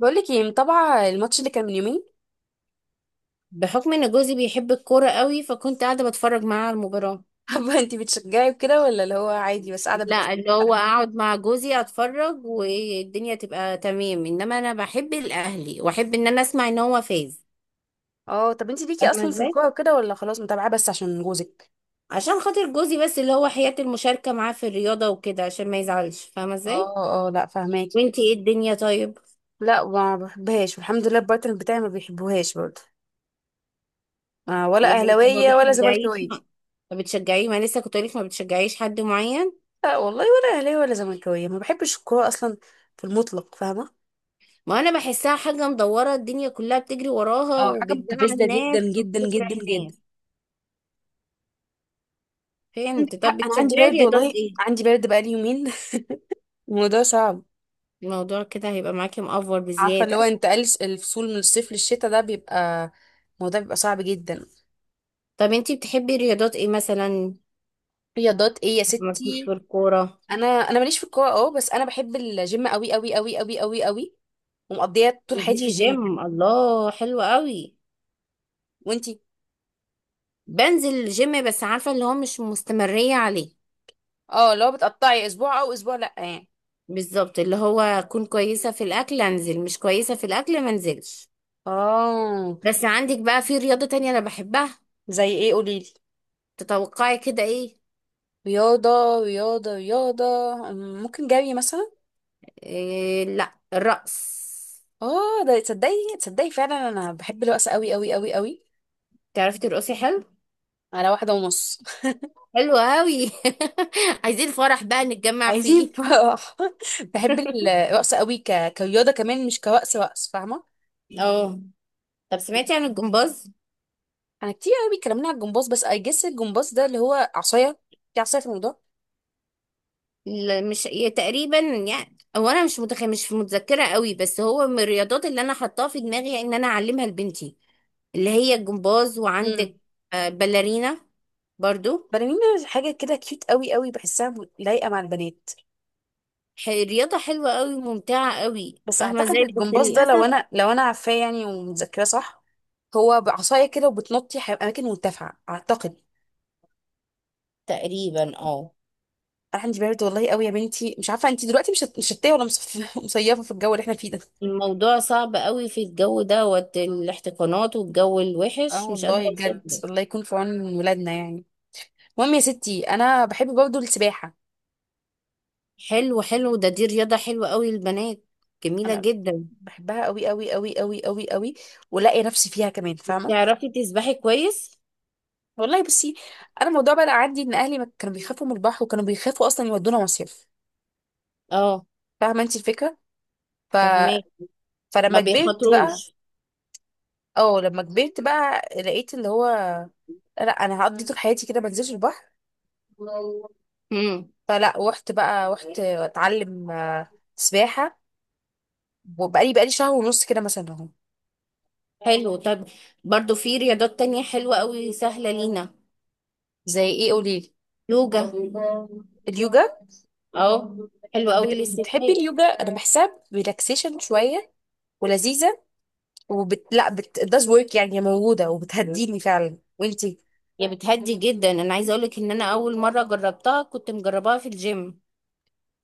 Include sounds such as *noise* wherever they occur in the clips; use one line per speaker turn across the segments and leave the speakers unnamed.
بقولك ايه، متابعة الماتش اللي كان من يومين؟
بحكم ان جوزي بيحب الكورة قوي فكنت قاعدة بتفرج معاه على المباراة.
*laughs* حابة، انتي بتشجعي وكده ولا اللي هو عادي بس قاعدة
لا، اللي هو
بتتابعي؟
اقعد مع جوزي اتفرج والدنيا تبقى تمام، انما انا بحب الاهلي واحب ان انا اسمع ان هو فاز.
اه، طب انتي ليكي
فاهمة
اصلا في
ازاي؟
الكورة وكده ولا خلاص متابعة بس عشان جوزك؟
عشان خاطر جوزي بس، اللي هو حياة المشاركة معاه في الرياضة وكده عشان ما يزعلش. فاهمة ازاي؟
اه، اه، لا، فهماكي.
وانتي ايه الدنيا طيب؟
لا، ما بحبهاش، والحمد لله البارتنر بتاعي ما بيحبوهاش برضه. آه، ولا
يعني انت ما
اهلاوية ولا
بتشجعيش؟
زملكاوية؟
ما بتشجعيه؟ ما لسه كنت قولك ما بتشجعيش حد معين.
لا والله، ولا اهلاوية ولا زملكاوية، ما بحبش الكورة اصلا في المطلق، فاهمة.
ما انا بحسها حاجة مدورة، الدنيا كلها بتجري وراها
اه، حاجة مستفزة
وبتزعل
جدا
ناس
جدا جدا
وبتفرح
جدا.
ناس.
*laughs* عندك
فهمت. طب
حق، انا عندي
بتشجعي
برد
رياضات
والله،
ايه؟
عندي برد بقالي يومين. *laughs* الموضوع صعب.
الموضوع كده هيبقى معاكي مأفور
عارفه، اللي هو
بزيادة.
انتقال الفصول من الصيف للشتاء ده الموضوع بيبقى صعب جدا.
طب انتي بتحبي رياضات ايه مثلا؟
رياضات ايه يا
مالكيش
ستي؟
في الكورة؟
انا ماليش في الكوره، اه بس انا بحب الجيم قوي قوي قوي قوي قوي قوي. ومقضيه طول حياتي في
بتنزلي
الجيم يعني.
جيم؟ الله، حلو قوي.
وانتي؟
بنزل الجيم بس عارفة اللي هو مش مستمرية عليه.
اه، لو بتقطعي اسبوع او اسبوع لا يعني.
بالظبط، اللي هو اكون كويسة في الاكل انزل، مش كويسة في الاكل ما انزلش.
اه.
بس عندك بقى في رياضة تانية انا بحبها.
زي ايه؟ قوليلي.
تتوقعي كده ايه؟
رياضه، رياضه، رياضه. ممكن جري مثلا.
إيه لا، الرقص.
اه ده، تصدقي، تصدقي فعلا انا بحب الرقص قوي قوي قوي قوي.
تعرفي ترقصي حلو؟
على واحده ونص.
حلو قوي. *laughs* عايزين فرح بقى نتجمع
عايزين
فيه.
فرح، *laughs* بحب
*laughs*
الرقص قوي كرياضه كمان، مش كرقص رقص، فاهمه.
اه. طب سمعتي عن الجمباز؟
انا كتير قوي بيتكلمنا على الجمباز، بس اي جس الجمباز ده اللي هو عصايه. في عصايه في الموضوع؟
لا، مش هي تقريبا، يعني هو انا مش متذكره قوي، بس هو من الرياضات اللي انا حطاها في دماغي، يعني ان انا اعلمها لبنتي، اللي هي الجمباز.
امم.
وعندك آه، باليرينا برضو.
بلالين. حاجه كده كيوت قوي قوي، بحسها لايقه مع البنات.
رياضه حلوه قوي، ممتعه قوي،
بس
فاهمه
اعتقد
ازاي، بس
الجمباز ده، لو
للاسف.
انا لو انا عارفاه يعني ومتذكراه صح. هو بعصايه كده، وبتنطي اماكن مرتفعه اعتقد.
تقريبا اه.
انا عندي برد والله قوي يا بنتي، مش عارفه انت دلوقتي مش مشتيه ولا *laughs* مصيفه في الجو اللي احنا فيه ده.
الموضوع صعب قوي في الجو ده، والاحتقانات والجو
اه
الوحش، مش قادره
والله بجد،
اوصف.
الله يكون في عون ولادنا يعني. المهم يا ستي، انا بحب برضه السباحه.
حلو حلو، ده دي رياضة حلوة قوي للبنات، جميلة
انا
جدا.
بحبها قوي قوي قوي قوي قوي قوي. ولاقي نفسي فيها كمان، فاهمه.
تعرفي تسبحي كويس؟
والله بصي. انا الموضوع بقى عندي ان اهلي ما كانوا بيخافوا من البحر، وكانوا بيخافوا اصلا يودونا مصيف.
اه،
فاهمه انت الفكره؟ ف...
فهمك. ما
فلما كبرت بقى.
بيخاطروش.
اه، لما كبرت بقى لقيت اللي هو. لا، انا هقضي طول حياتي كده ما انزلش البحر.
امم.
فلا رحت بقى، رحت اتعلم سباحه. وبقالي شهر ونص كده مثلا اهو.
حلو طب. برضو في رياضات تانية حلوة قوي سهلة لينا.
زي ايه؟ قولي لي.
يوجا.
اليوجا؟
اه، حلو قوي
بتحبي
للستات.
اليوجا؟ انا بحسها ريلاكسيشن شويه. ولذيذه. وبت، لا، بت does work، يعني موجوده، وبتهديني فعلا. وانتي؟
يا بتهدي جدا. انا عايزه اقولك ان انا اول مره جربتها كنت مجرباها في الجيم.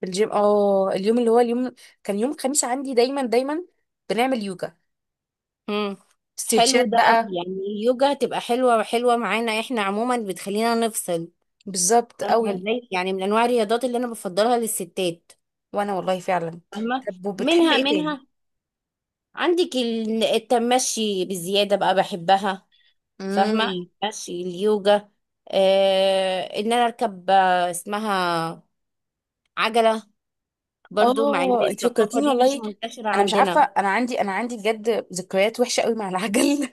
في الجيم، اه، اليوم اللي هو اليوم. كان يوم الخميس عندي دايما دايما. بنعمل يوجا.
امم. حلو
ستريتشات
ده
بقى.
قوي، يعني اليوجا هتبقى حلوه حلوه معانا احنا عموما، بتخلينا نفصل.
بالظبط
فاهمة
قوي.
ازاي؟ يعني من انواع الرياضات اللي انا بفضلها للستات.
وانا والله فعلا.
فاهمة.
طب وبتحبي
منها
ايه تاني؟
منها. عندك التمشي بزيادة بقى، بحبها. فاهمة.
امم.
المشي، اليوجا، آه، ان انا اركب آه، اسمها عجلة، برضو مع ان
اه، انت
الثقافة
فكرتيني
دي مش
والله.
منتشرة
انا مش عارفه،
عندنا.
انا عندي بجد ذكريات وحشه قوي مع العجل.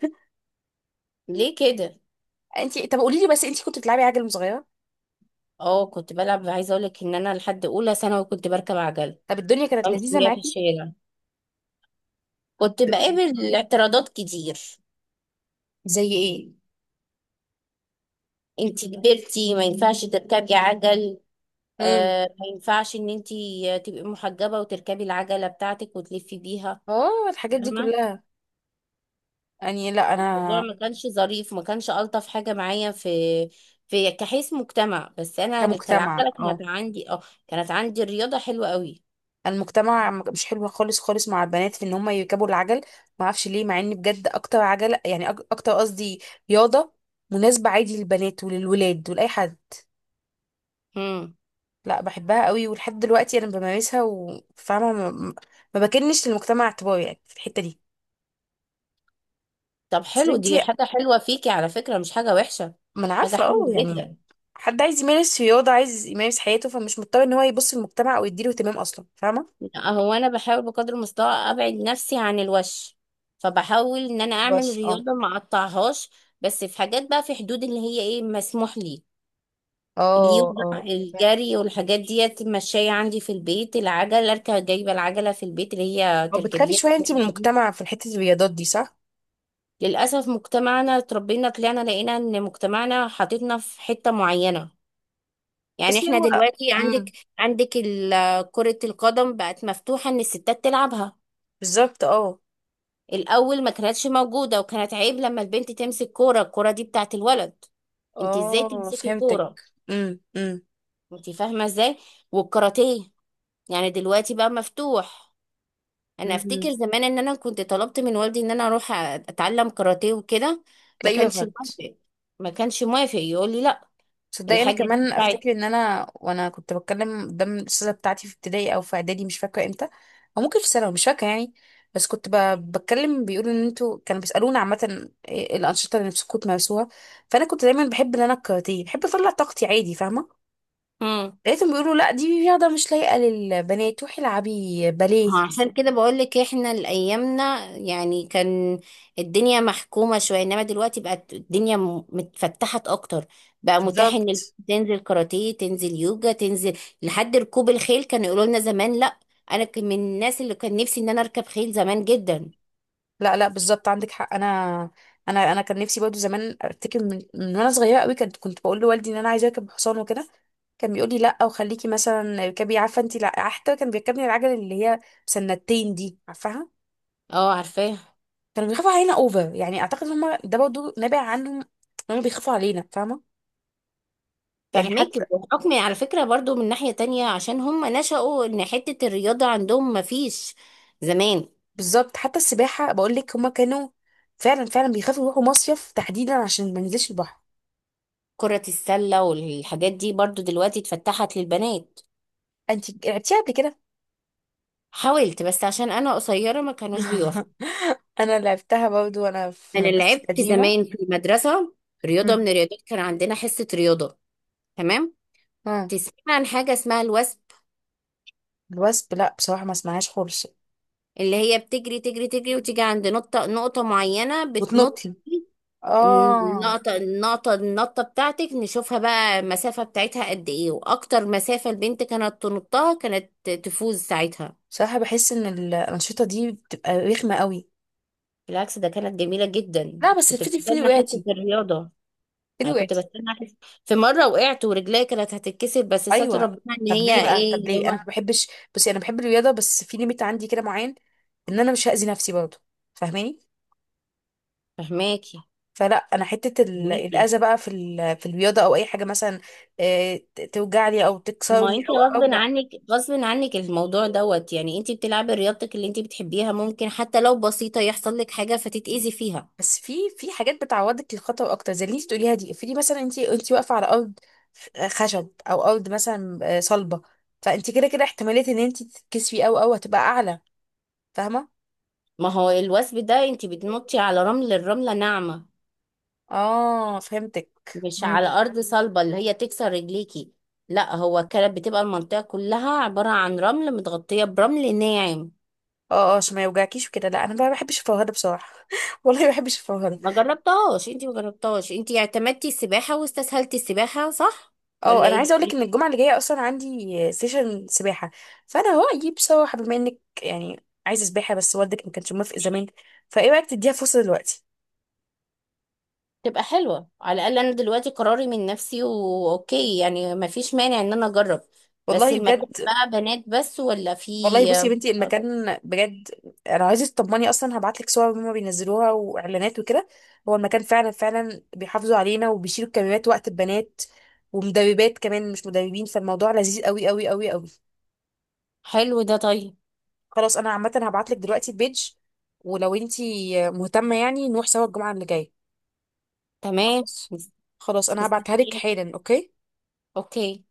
ليه كده؟
*laughs* انت، طب قولي لي بس، انت كنت بتلعبي عجل وأنت صغيره؟
اه، كنت بلعب. عايزة اقولك ان انا لحد اولى ثانوي كنت بركب عجلة
طب الدنيا كانت
وامشي
لذيذه
بيها في
معاكي.
الشارع. كنت بقابل اعتراضات كتير.
زي ايه؟
انتي كبرتي ما ينفعش تركبي عجل،
امم.
آه، ما ينفعش ان انتي تبقي محجبة وتركبي العجلة بتاعتك وتلفي بيها.
اه الحاجات دي
فاهمة.
كلها. يعني لا انا.
الموضوع ما كانش ظريف، ما كانش ألطف حاجة معايا في في كحيث مجتمع، بس انا
كمجتمع،
كالعجلة كانت
اه.
عندي اه، كانت عندي الرياضة حلوة قوي.
المجتمع مش حلو خالص خالص مع البنات في ان هم يركبوا العجل. ما اعرفش ليه، مع ان بجد اكتر عجله يعني اكتر قصدي، رياضه مناسبه عادي للبنات وللولاد ولاي حد.
امم.
لا، بحبها قوي، ولحد دلوقتي انا بمارسها، وفاهمه، ما. ما بكنش للمجتمع اعتبار يعني في الحته دي.
طب
بس
حلو، دي
انتي.
حاجة حلوة فيكي على فكرة، مش حاجة وحشة،
ما انا
حاجة
عارفه
حلوة
اه يعني.
جدا.
حد عايز يمارس رياضه، عايز يمارس حياته، فمش مضطر ان هو يبص للمجتمع او يديله اهتمام اصلا، فاهمه.
هو انا بحاول بقدر المستطاع ابعد نفسي عن الوش، فبحاول ان انا اعمل
بس اه.
رياضة ما اقطعهاش، بس في حاجات بقى في حدود اللي هي ايه مسموح لي. اليوجا،
اه، اه،
الجري، والحاجات ديت ماشية عندي في البيت. العجل اركب، جايبة العجلة في البيت اللي هي
طب بتخافي
تركبيها.
شوية انتي من المجتمع في حتة الرياضات دي صح؟
للأسف مجتمعنا اتربينا طلعنا لقينا ان مجتمعنا حاططنا في حتة معينة. يعني
بس
احنا
هو.
دلوقتي
امم.
عندك، عندك كرة القدم بقت مفتوحة ان الستات تلعبها.
بالظبط، اه.
الأول ما كانتش موجودة وكانت عيب لما البنت تمسك كورة، الكورة دي بتاعت الولد. انت ازاي
اه
تمسكي
فهمتك.
كورة؟
امم، امم،
انت فاهمة ازاي؟ والكاراتيه، يعني دلوقتي بقى مفتوح. انا افتكر
امم.
زمان ان انا كنت طلبت من والدي ان انا اروح اتعلم كاراتيه وكده، ما
تلاقيه
كانش
بفهمت.
موافق، ما كانش موافق، يقول لي لا.
تصدقي، انا
الحاجه دي
كمان
بتاعت
افتكر ان انا وانا كنت بتكلم قدام الاستاذه بتاعتي في ابتدائي او في اعدادي، مش فاكره امتى. او ممكن في ثانوي، مش فاكره يعني. بس كنت بتكلم بيقولوا ان انتوا، كانوا بيسالونا عامه إيه الانشطه اللي نفسكم تمارسوها. فانا كنت دايما بحب ان انا الكاراتيه، بحب اطلع طاقتي عادي، فاهمه.
امم،
لقيتهم بيقولوا لا، دي رياضة مش لايقة للبنات، روحي العبي باليه.
عشان كده بقول لك احنا الايامنا يعني كان الدنيا محكومه شويه، انما دلوقتي بقت الدنيا متفتحت اكتر. بقى متاح ان
بالظبط.
تنزل كاراتيه، تنزل يوجا، تنزل لحد ركوب الخيل. كانوا يقولوا لنا زمان لا. انا كان من الناس اللي كان نفسي ان انا اركب خيل زمان جدا.
لا، لا، بالظبط عندك حق، انا. انا كان نفسي برضه زمان ارتكب من وانا صغيره قوي، كنت بقول لوالدي ان انا عايزه اركب حصان وكده. كان بيقول لي لا، وخليكي مثلا اركبي، عارفه انت، لا حتى كان بيركبني العجل اللي هي سنتين دي، عارفاها.
اه عارفاه.
كانوا بيخافوا علينا اوفر يعني، اعتقد هم ده برضه نابع عنهم ان هم بيخافوا علينا، فاهمه. يعني
فهمك.
حتى.
بحكم على فكرة برضو من ناحية تانية عشان هم نشأوا ان حتة الرياضة عندهم ما فيش زمان.
بالظبط، حتى السباحه بقول لك، هما كانوا. فعلا، فعلا بيخافوا يروحوا مصيف تحديدا، عشان ما ينزلش البحر.
كرة السلة والحاجات دي برضو دلوقتي اتفتحت للبنات.
انت لعبتيها قبل كده؟
حاولت بس عشان انا قصيرة ما كانوش بيوافقوا.
*laughs* انا لعبتها برضو وانا في
انا
مدرستي
لعبت
القديمه.
زمان في المدرسة، رياضة من
مم.
الرياضات، كان عندنا حصة رياضة. تمام.
اه.
تسمع عن حاجة اسمها الوثب؟
الوثب، لا بصراحه ما اسمعهاش خالص.
اللي هي بتجري تجري تجري وتيجي عند نقطة، معينة بتنط.
وتنطي، اه.
النقطة النقطة بتاعتك نشوفها بقى المسافة بتاعتها قد ايه، واكتر مسافة البنت كانت تنطها كانت تفوز ساعتها.
بصراحه، بحس ان الانشطه دي بتبقى رخمه قوي.
بالعكس ده كانت جميلة جدا،
لا، بس
كنت
في
بستنى حتة
وقعتي.
الرياضة.
في
انا كنت
وقعتي.
بستنى حتة. في مرة وقعت ورجلي كانت هتتكسر، بس ستر
ايوه.
ربنا ان هي ايه
طب
اللي
ليه انا
هو.
ما بحبش؟ بس انا بحب الرياضه بس في ليميت عندي كده معين. ان انا مش هاذي نفسي برضو. فاهماني.
فهماكي.
فلا انا حته
فهماكي.
الاذى بقى في في الرياضه او اي حاجه مثلا. توجعني او
ما
تكسرني
انت
او
غصب
او لا.
عنك، غصب عنك الموضوع دوت، يعني انت بتلعبي رياضتك اللي انت بتحبيها ممكن حتى لو بسيطة يحصل لك حاجة فتتأذي فيها.
بس في حاجات بتعوضك للخطر اكتر زي اللي انت بتقوليها دي، افرضي مثلا انت واقفه على ارض. خشب او ارض مثلا صلبه. فانت كده كده، احتماليه ان انت تتكسفي او هتبقى اعلى. فاهمه.
ما هو الوثب ده انت بتنطي على رمل، الرملة ناعمة،
اه فهمتك.
مش على
مم.
أرض صلبة اللي هي تكسر رجليكي. لا، هو كانت بتبقى المنطقة كلها عبارة عن رمل، متغطية برمل ناعم.
اه، اه، عشان ما يوجعكيش وكده، لا انا ما بحبش الفرهده بصراحه، *laughs* والله ما بحبش الفرهده.
ما جربتهاش انت، ما جربتهاش انت، اعتمدتي السباحة واستسهلتي السباحة، صح؟
اه،
ولا
انا
ايه
عايزه اقول لك
الدنيا؟
ان الجمعه اللي جايه اصلا عندي سيشن سباحه. فانا هو اجيب سباحه، بما انك يعني عايزه سباحه بس والدك ما كانش موافق زمان. فايه رايك تديها فرصه دلوقتي؟
تبقى حلوة، على الأقل أنا دلوقتي قراري من نفسي وأوكي، يعني ما فيش مانع إن أنا أجرب. بس
والله
المكان
بجد.
بقى بنات بس ولا في؟
والله بصي يا بنتي، المكان بجد. انا عايزه تطمني، اصلا هبعت لك صور هما بينزلوها واعلانات وكده. هو المكان فعلا فعلا بيحافظوا علينا، وبيشيلوا الكاميرات وقت البنات. ومدربات كمان، مش مدربين، فالموضوع لذيذ قوي قوي قوي قوي.
حلو ده، طيب.
خلاص، انا عامه هبعت لك دلوقتي البيج. ولو انتي مهتمه يعني نروح سوا الجمعه اللي جايه.
تمام.
خلاص. خلاص، انا هبعتها لك
مستنياكي.
حالا، اوكي.
اوكي.